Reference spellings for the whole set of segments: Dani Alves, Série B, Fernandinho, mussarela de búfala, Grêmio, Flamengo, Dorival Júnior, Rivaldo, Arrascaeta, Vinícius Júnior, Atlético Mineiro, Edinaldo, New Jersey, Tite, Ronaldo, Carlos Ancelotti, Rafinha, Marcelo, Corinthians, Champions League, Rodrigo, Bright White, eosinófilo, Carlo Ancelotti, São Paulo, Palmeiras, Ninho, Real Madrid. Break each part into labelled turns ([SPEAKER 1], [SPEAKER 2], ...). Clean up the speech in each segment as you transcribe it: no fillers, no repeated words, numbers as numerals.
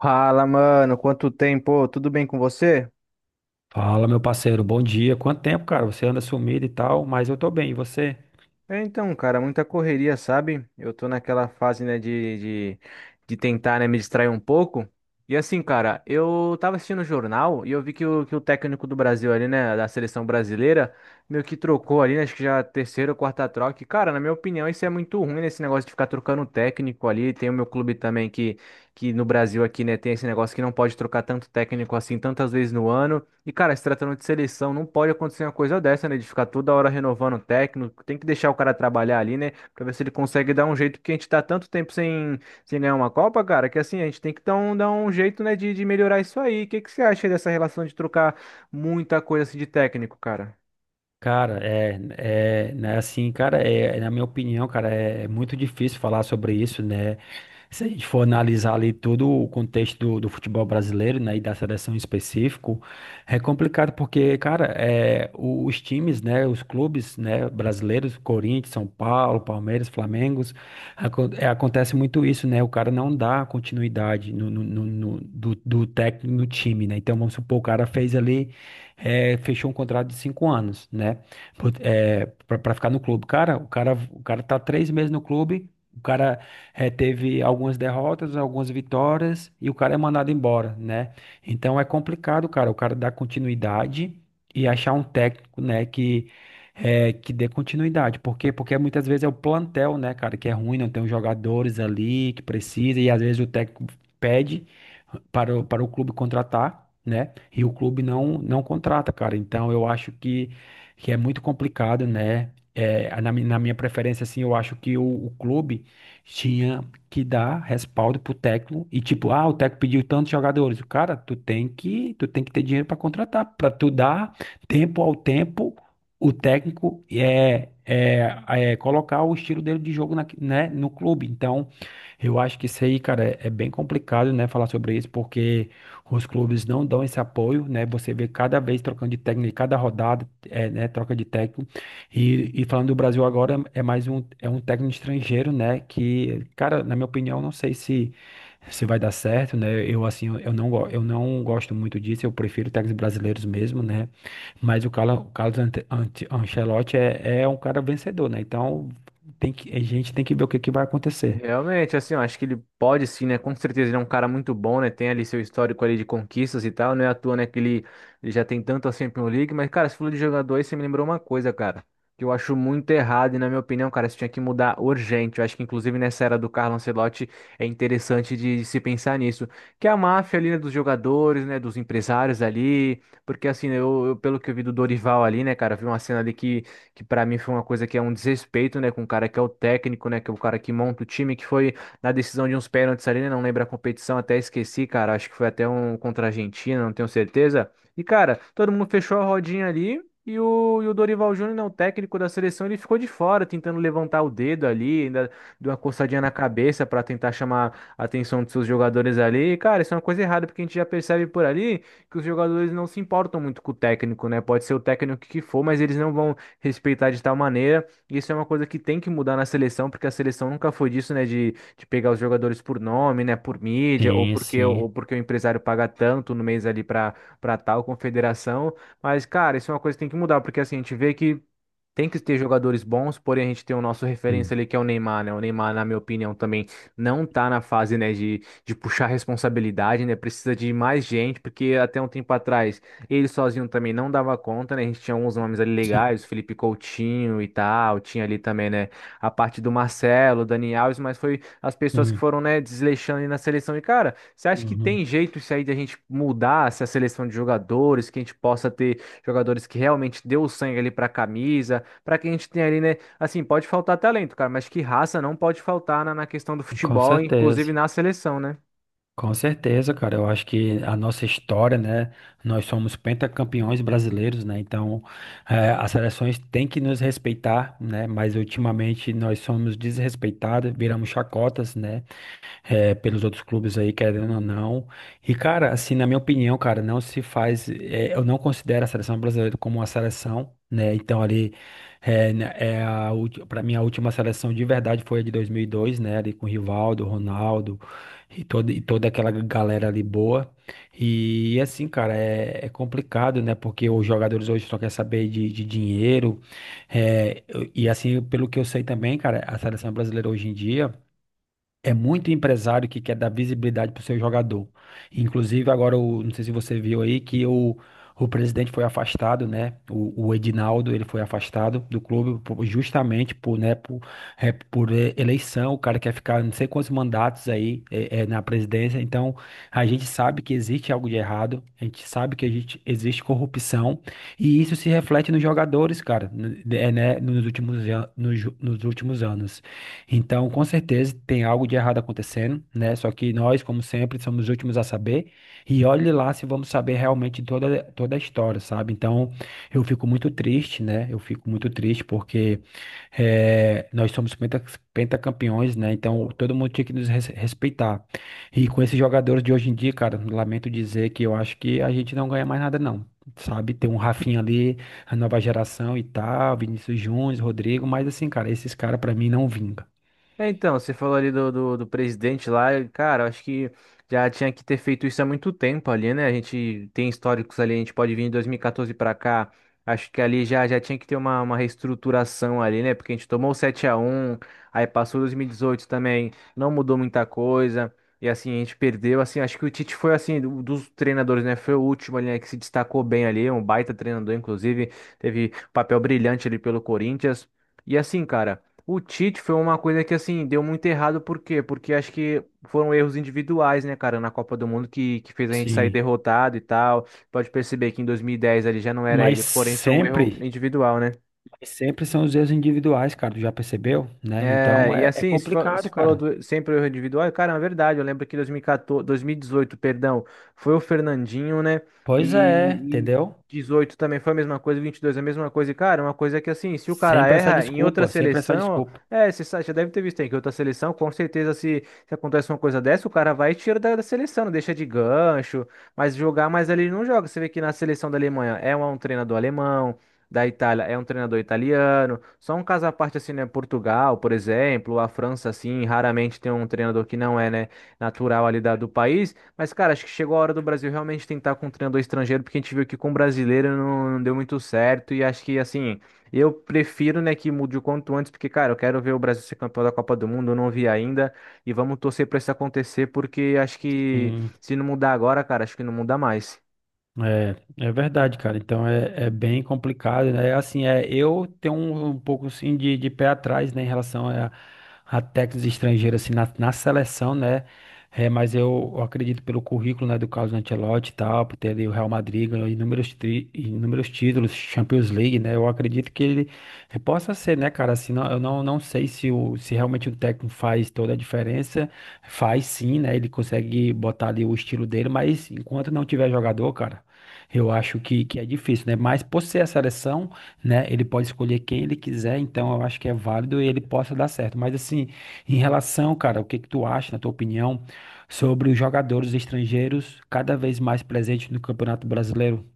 [SPEAKER 1] Fala, mano, quanto tempo? Tudo bem com você?
[SPEAKER 2] Fala, meu parceiro, bom dia. Quanto tempo, cara? Você anda sumido e tal, mas eu tô bem, e você?
[SPEAKER 1] É, então, cara, muita correria, sabe? Eu tô naquela fase, né, de tentar, né, me distrair um pouco. E assim, cara, eu tava assistindo o jornal e eu vi que o técnico do Brasil ali, né, da seleção brasileira, meio que trocou ali, né, acho que já a terceira ou quarta troca. E, cara, na minha opinião, isso é muito ruim, né, esse negócio de ficar trocando técnico ali. Tem o meu clube também que no Brasil aqui, né, tem esse negócio que não pode trocar tanto técnico assim tantas vezes no ano. E, cara, se tratando de seleção, não pode acontecer uma coisa dessa, né? De ficar toda hora renovando o técnico. Tem que deixar o cara trabalhar ali, né? Pra ver se ele consegue dar um jeito, porque a gente tá tanto tempo sem ganhar uma Copa, cara, que assim, a gente tem que dar um jeito, né, de melhorar isso aí. O que que você acha dessa relação de trocar muita coisa assim de técnico, cara?
[SPEAKER 2] Cara, né, assim, cara, é, na minha opinião, cara, é muito difícil falar sobre isso, né? Se a gente for analisar ali todo o contexto do futebol brasileiro, né, e da seleção em específico, é complicado porque, cara, os times, né, os clubes, né, brasileiros, Corinthians, São Paulo, Palmeiras, Flamengo, acontece muito isso, né? O cara não dá continuidade do técnico no time, né? Então, vamos supor, o cara fez ali fechou um contrato de cinco anos, né? Pra ficar no clube. Cara, o cara tá três meses no clube, o cara teve algumas derrotas, algumas vitórias e o cara é mandado embora, né? Então é complicado, cara, o cara dar continuidade e achar um técnico, né, que que dê continuidade. Por quê? Porque muitas vezes é o plantel, né, cara, que é ruim, não tem os jogadores ali que precisa e às vezes o técnico pede para para o clube contratar, né? E o clube não contrata, cara. Então eu acho que é muito complicado, né? É, na minha preferência, assim, eu acho que o clube tinha que dar respaldo pro técnico e tipo, ah, o técnico pediu tantos jogadores. Cara, tu tem que ter dinheiro para contratar, para tu dar tempo ao tempo, o técnico é colocar o estilo dele de jogo na, né, no clube. Então, eu acho que isso aí, cara, é bem complicado, né, falar sobre isso, porque os clubes não dão esse apoio, né? Você vê cada vez trocando de técnico, cada rodada, é, né? Troca de técnico. E falando do Brasil agora, é um técnico estrangeiro, né? Que, cara, na minha opinião, não sei se, se vai dar certo, né? Eu, assim, eu não gosto muito disso, eu prefiro técnicos brasileiros mesmo, né? Mas o Carlos Ancelotti é, é um cara vencedor, né? Então, a gente tem que ver o que, que vai acontecer.
[SPEAKER 1] Realmente, assim, eu acho que ele pode sim, né? Com certeza ele é um cara muito bom, né? Tem ali seu histórico ali de conquistas e tal, não é à toa, né? Que ele já tem tanto assim Champions League, mas, cara, você falou de jogador aí, você me lembrou uma coisa, cara, que eu acho muito errado e, na minha opinião, cara, isso tinha que mudar urgente. Eu acho que, inclusive, nessa era do Carlo Ancelotti, é interessante de se pensar nisso. Que é a máfia ali, né? Dos jogadores, né? Dos empresários ali, porque, assim, né, pelo que eu vi do Dorival ali, né, cara, eu vi uma cena ali que para mim foi uma coisa que é um desrespeito, né, com o cara que é o técnico, né, que é o cara que monta o time, que foi na decisão de uns pênaltis ali, né, não lembro a competição, até esqueci, cara, acho que foi até um contra a Argentina, não tenho certeza. E, cara, todo mundo fechou a rodinha ali. E o Dorival Júnior, né, o técnico da seleção, ele ficou de fora, tentando levantar o dedo ali, ainda deu uma coçadinha na cabeça para tentar chamar a atenção dos seus jogadores ali. E, cara, isso é uma coisa errada, porque a gente já percebe por ali que os jogadores não se importam muito com o técnico, né? Pode ser o técnico que for, mas eles não vão respeitar de tal maneira. Isso é uma coisa que tem que mudar na seleção, porque a seleção nunca foi disso, né? De pegar os jogadores por nome, né? Por mídia, ou
[SPEAKER 2] Sim,
[SPEAKER 1] porque,
[SPEAKER 2] sim.
[SPEAKER 1] ou porque o empresário paga tanto no mês ali para tal confederação. Mas, cara, isso é uma coisa que tem que mudar, porque assim, a gente vê que. Tem que ter jogadores bons, porém a gente tem o nosso referência
[SPEAKER 2] Hum.
[SPEAKER 1] ali que é o Neymar, né? O Neymar, na minha opinião, também não tá na fase, né, de puxar responsabilidade, né? Precisa de mais gente, porque até um tempo atrás ele sozinho também não dava conta, né? A gente tinha uns nomes ali
[SPEAKER 2] Sim.
[SPEAKER 1] legais, o Felipe Coutinho e tal, tinha ali também, né, a parte do Marcelo, o Dani Alves, mas foi as pessoas que
[SPEAKER 2] Hum.
[SPEAKER 1] foram, né, desleixando ali na seleção. E, cara, você acha que
[SPEAKER 2] Uhum.
[SPEAKER 1] tem jeito isso aí de a gente mudar essa seleção de jogadores, que a gente possa ter jogadores que realmente deu o sangue ali pra camisa? Para que a gente tenha ali, né? Assim, pode faltar talento, cara, mas que raça não pode faltar na questão do
[SPEAKER 2] Com
[SPEAKER 1] futebol, inclusive
[SPEAKER 2] certeza.
[SPEAKER 1] na seleção, né?
[SPEAKER 2] Com certeza, cara. Eu acho que a nossa história, né? Nós somos pentacampeões brasileiros, né? Então, as seleções têm que nos respeitar, né? Mas ultimamente nós somos desrespeitados, viramos chacotas, né? É, pelos outros clubes aí, querendo ou não. E, cara, assim, na minha opinião, cara, não se faz. É, eu não considero a seleção brasileira como uma seleção, né? Então, ali, pra mim, a última seleção de verdade foi a de 2002, né? Ali com Rivaldo, Ronaldo e toda aquela galera ali boa. E, assim, cara, é, é complicado, né? Porque os jogadores hoje só querem saber de dinheiro. E, assim, pelo que eu sei também, cara, a seleção brasileira hoje em dia. É muito empresário que quer dar visibilidade para o seu jogador. Inclusive, agora, não sei se você viu aí, que o presidente foi afastado, né? O Edinaldo, ele foi afastado do clube justamente por, né, por, é, eleição. O cara quer ficar não sei quantos mandatos aí é, na presidência. Então, a gente sabe que existe algo de errado. A gente sabe que existe corrupção. E isso se reflete nos jogadores, cara, né, nos últimos, an- nos ju- nos últimos anos. Então, com certeza, tem algo de errado acontecendo, né? Só que nós, como sempre, somos os últimos a saber. E olhe lá se vamos saber realmente toda a história, sabe? Então, eu fico muito triste, né? Eu fico muito triste porque eh, nós somos penta, pentacampeões, né? Então, todo mundo tinha que respeitar. E com esses jogadores de hoje em dia, cara, lamento dizer que eu acho que a gente não ganha mais nada, não. Sabe, tem um Rafinha ali, a nova geração e tal, Vinícius Júnior, Rodrigo, mas assim, cara, esses caras pra mim não vingam.
[SPEAKER 1] É, então, você falou ali do presidente lá, e, cara, eu acho que já tinha que ter feito isso há muito tempo ali, né? A gente tem históricos ali, a gente pode vir em dois mil e 2014 pra cá, acho que ali já tinha que ter uma reestruturação ali, né? Porque a gente tomou o 7x1, aí passou 2018 também, não mudou muita coisa, e assim, a gente perdeu, assim, acho que o Tite foi, assim, dos treinadores, né? Foi o último ali, né, que se destacou bem ali, um baita treinador, inclusive, teve papel brilhante ali pelo Corinthians, e assim, cara. O Tite foi uma coisa que, assim, deu muito errado, por quê? Porque acho que foram erros individuais, né, cara, na Copa do Mundo que fez a gente sair
[SPEAKER 2] Sim.
[SPEAKER 1] derrotado e tal. Pode perceber que em 2010 ele já não era
[SPEAKER 2] Mas
[SPEAKER 1] ele, porém foi um erro
[SPEAKER 2] sempre,
[SPEAKER 1] individual, né?
[SPEAKER 2] mas sempre são os erros individuais, cara. Tu já percebeu, né?
[SPEAKER 1] É,
[SPEAKER 2] Então
[SPEAKER 1] e
[SPEAKER 2] é, é
[SPEAKER 1] assim, se
[SPEAKER 2] complicado,
[SPEAKER 1] falou
[SPEAKER 2] cara.
[SPEAKER 1] do, sempre o erro individual, e, cara, é verdade, eu lembro que 2014, 2018, perdão, foi o Fernandinho, né?
[SPEAKER 2] Pois é,
[SPEAKER 1] E
[SPEAKER 2] entendeu?
[SPEAKER 1] 18 também foi a mesma coisa, 22 a mesma coisa. E, cara, uma coisa é que assim, se o cara
[SPEAKER 2] Sempre essa
[SPEAKER 1] erra em outra
[SPEAKER 2] desculpa, sempre essa
[SPEAKER 1] seleção,
[SPEAKER 2] desculpa.
[SPEAKER 1] é, você já deve ter visto aí que outra seleção, com certeza, se acontece uma coisa dessa, o cara vai e tira da seleção, não deixa de gancho, mas jogar, mas ali ele não joga. Você vê que na seleção da Alemanha é um treinador alemão. Da Itália é um treinador italiano. Só um caso à parte, assim, né? Portugal, por exemplo, a França, assim, raramente tem um treinador que não é, né, natural ali da, do país. Mas, cara, acho que chegou a hora do Brasil realmente tentar com um treinador estrangeiro, porque a gente viu que com brasileiro não deu muito certo. E acho que, assim, eu prefiro, né, que mude o quanto antes, porque, cara, eu quero ver o Brasil ser campeão da Copa do Mundo, eu não vi ainda. E vamos torcer pra isso acontecer, porque acho que
[SPEAKER 2] Sim.
[SPEAKER 1] se não mudar agora, cara, acho que não muda mais.
[SPEAKER 2] É, é verdade, cara. Então é, é bem complicado, né? Assim, é, eu tenho um pouco assim de pé atrás, né, em relação a técnicos estrangeiros assim na, na seleção, né? É, mas eu acredito pelo currículo, né, do Carlos Ancelotti e tal, por ter ali o Real Madrid ganhou inúmeros títulos, Champions League, né? Eu acredito que ele possa ser, né, cara? Assim, não, eu não, não sei se, o, se realmente o técnico faz toda a diferença. Faz sim, né? Ele consegue botar ali o estilo dele, mas enquanto não tiver jogador, cara. Eu acho que é difícil, né? Mas por ser a seleção, né? Ele pode escolher quem ele quiser, então eu acho que é válido e ele possa dar certo. Mas assim, em relação, cara, o que que tu acha, na tua opinião, sobre os jogadores estrangeiros cada vez mais presentes no Campeonato Brasileiro?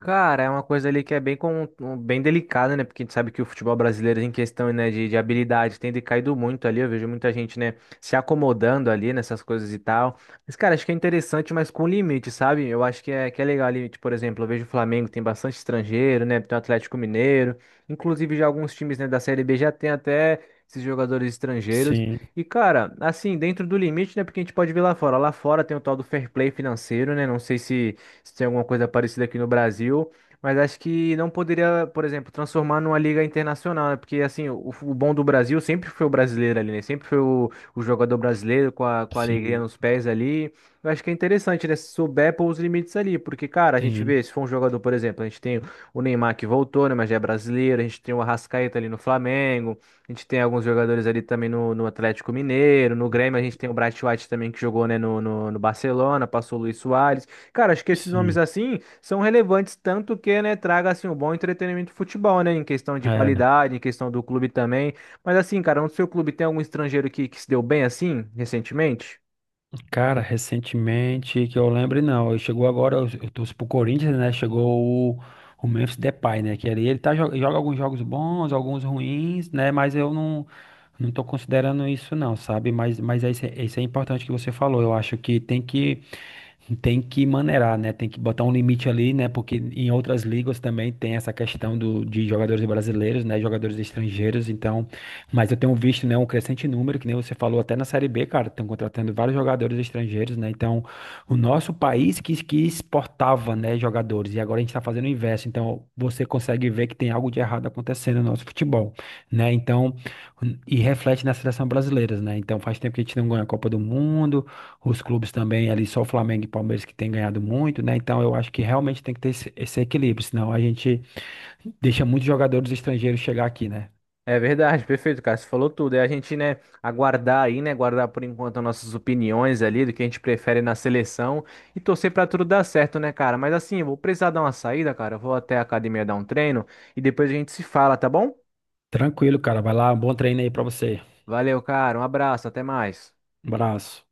[SPEAKER 1] Cara, é uma coisa ali que é bem delicada, né? Porque a gente sabe que o futebol brasileiro, em questão, né, de habilidade, tem decaído muito ali. Eu vejo muita gente, né, se acomodando ali nessas coisas e tal. Mas, cara, acho que é interessante, mas com limite, sabe? Eu acho que é legal ali, tipo, por exemplo, eu vejo o Flamengo tem bastante estrangeiro, né? Tem o Atlético Mineiro. Inclusive, já alguns times, né, da Série B já tem até esses jogadores estrangeiros.
[SPEAKER 2] Sim,
[SPEAKER 1] E, cara, assim, dentro do limite, né? Porque a gente pode ver lá fora. Lá fora tem o tal do fair play financeiro, né? Não sei se tem alguma coisa parecida aqui no Brasil. Mas acho que não poderia, por exemplo, transformar numa liga internacional, né? Porque, assim, o bom do Brasil sempre foi o brasileiro ali, né? Sempre foi o jogador brasileiro com a alegria
[SPEAKER 2] sim,
[SPEAKER 1] nos pés ali. Eu acho que é interessante, né? Se souber pôr os limites ali. Porque, cara, a gente vê,
[SPEAKER 2] Sim.
[SPEAKER 1] se for um jogador, por exemplo, a gente tem o Neymar que voltou, né? Mas já é brasileiro. A gente tem o Arrascaeta ali no Flamengo. A gente tem alguns jogadores ali também no Atlético Mineiro. No Grêmio, a gente tem o Bright White também que jogou, né? No Barcelona, passou o Luis Soares. Cara, acho que esses nomes
[SPEAKER 2] Sim.
[SPEAKER 1] assim são relevantes tanto que, né, traga assim um bom entretenimento do futebol, né, em questão de
[SPEAKER 2] É.
[SPEAKER 1] qualidade, em questão do clube também. Mas assim, cara, no seu clube tem algum estrangeiro que se deu bem assim recentemente?
[SPEAKER 2] Cara, recentemente, que eu lembre, não. Chegou agora, eu torço pro Corinthians, né? Chegou o, o Memphis Depay, né? Que ali ele tá, joga, alguns jogos bons, alguns ruins, né? Mas eu não, não tô considerando isso, não, sabe? Mas é isso, é isso é importante que você falou. Eu acho que tem que. Tem que maneirar, né? Tem que botar um limite ali, né? Porque em outras ligas também tem essa questão do, de jogadores brasileiros, né? Jogadores estrangeiros, então. Mas eu tenho visto, né? Um crescente número, que nem você falou até na Série B, cara. Estão contratando vários jogadores estrangeiros, né? Então, o nosso país que exportava, né? Jogadores. E agora a gente está fazendo o inverso. Então, você consegue ver que tem algo de errado acontecendo no nosso futebol, né? Então, e reflete na seleção brasileira, né? Então, faz tempo que a gente não ganha a Copa do Mundo. Os clubes também ali, só o Flamengo e Palmeiras que têm ganhado muito, né? Então eu acho que realmente tem que ter esse, esse equilíbrio, senão a gente deixa muitos jogadores estrangeiros chegar aqui, né?
[SPEAKER 1] É verdade, perfeito, cara, você falou tudo. É a gente, né, aguardar aí, né, guardar por enquanto as nossas opiniões ali do que a gente prefere na seleção e torcer pra tudo dar certo, né, cara? Mas assim, eu vou precisar dar uma saída, cara. Eu vou até a academia dar um treino e depois a gente se fala, tá bom?
[SPEAKER 2] Tranquilo, cara. Vai lá, um bom treino aí pra você.
[SPEAKER 1] Valeu, cara. Um abraço, até mais.
[SPEAKER 2] Um abraço.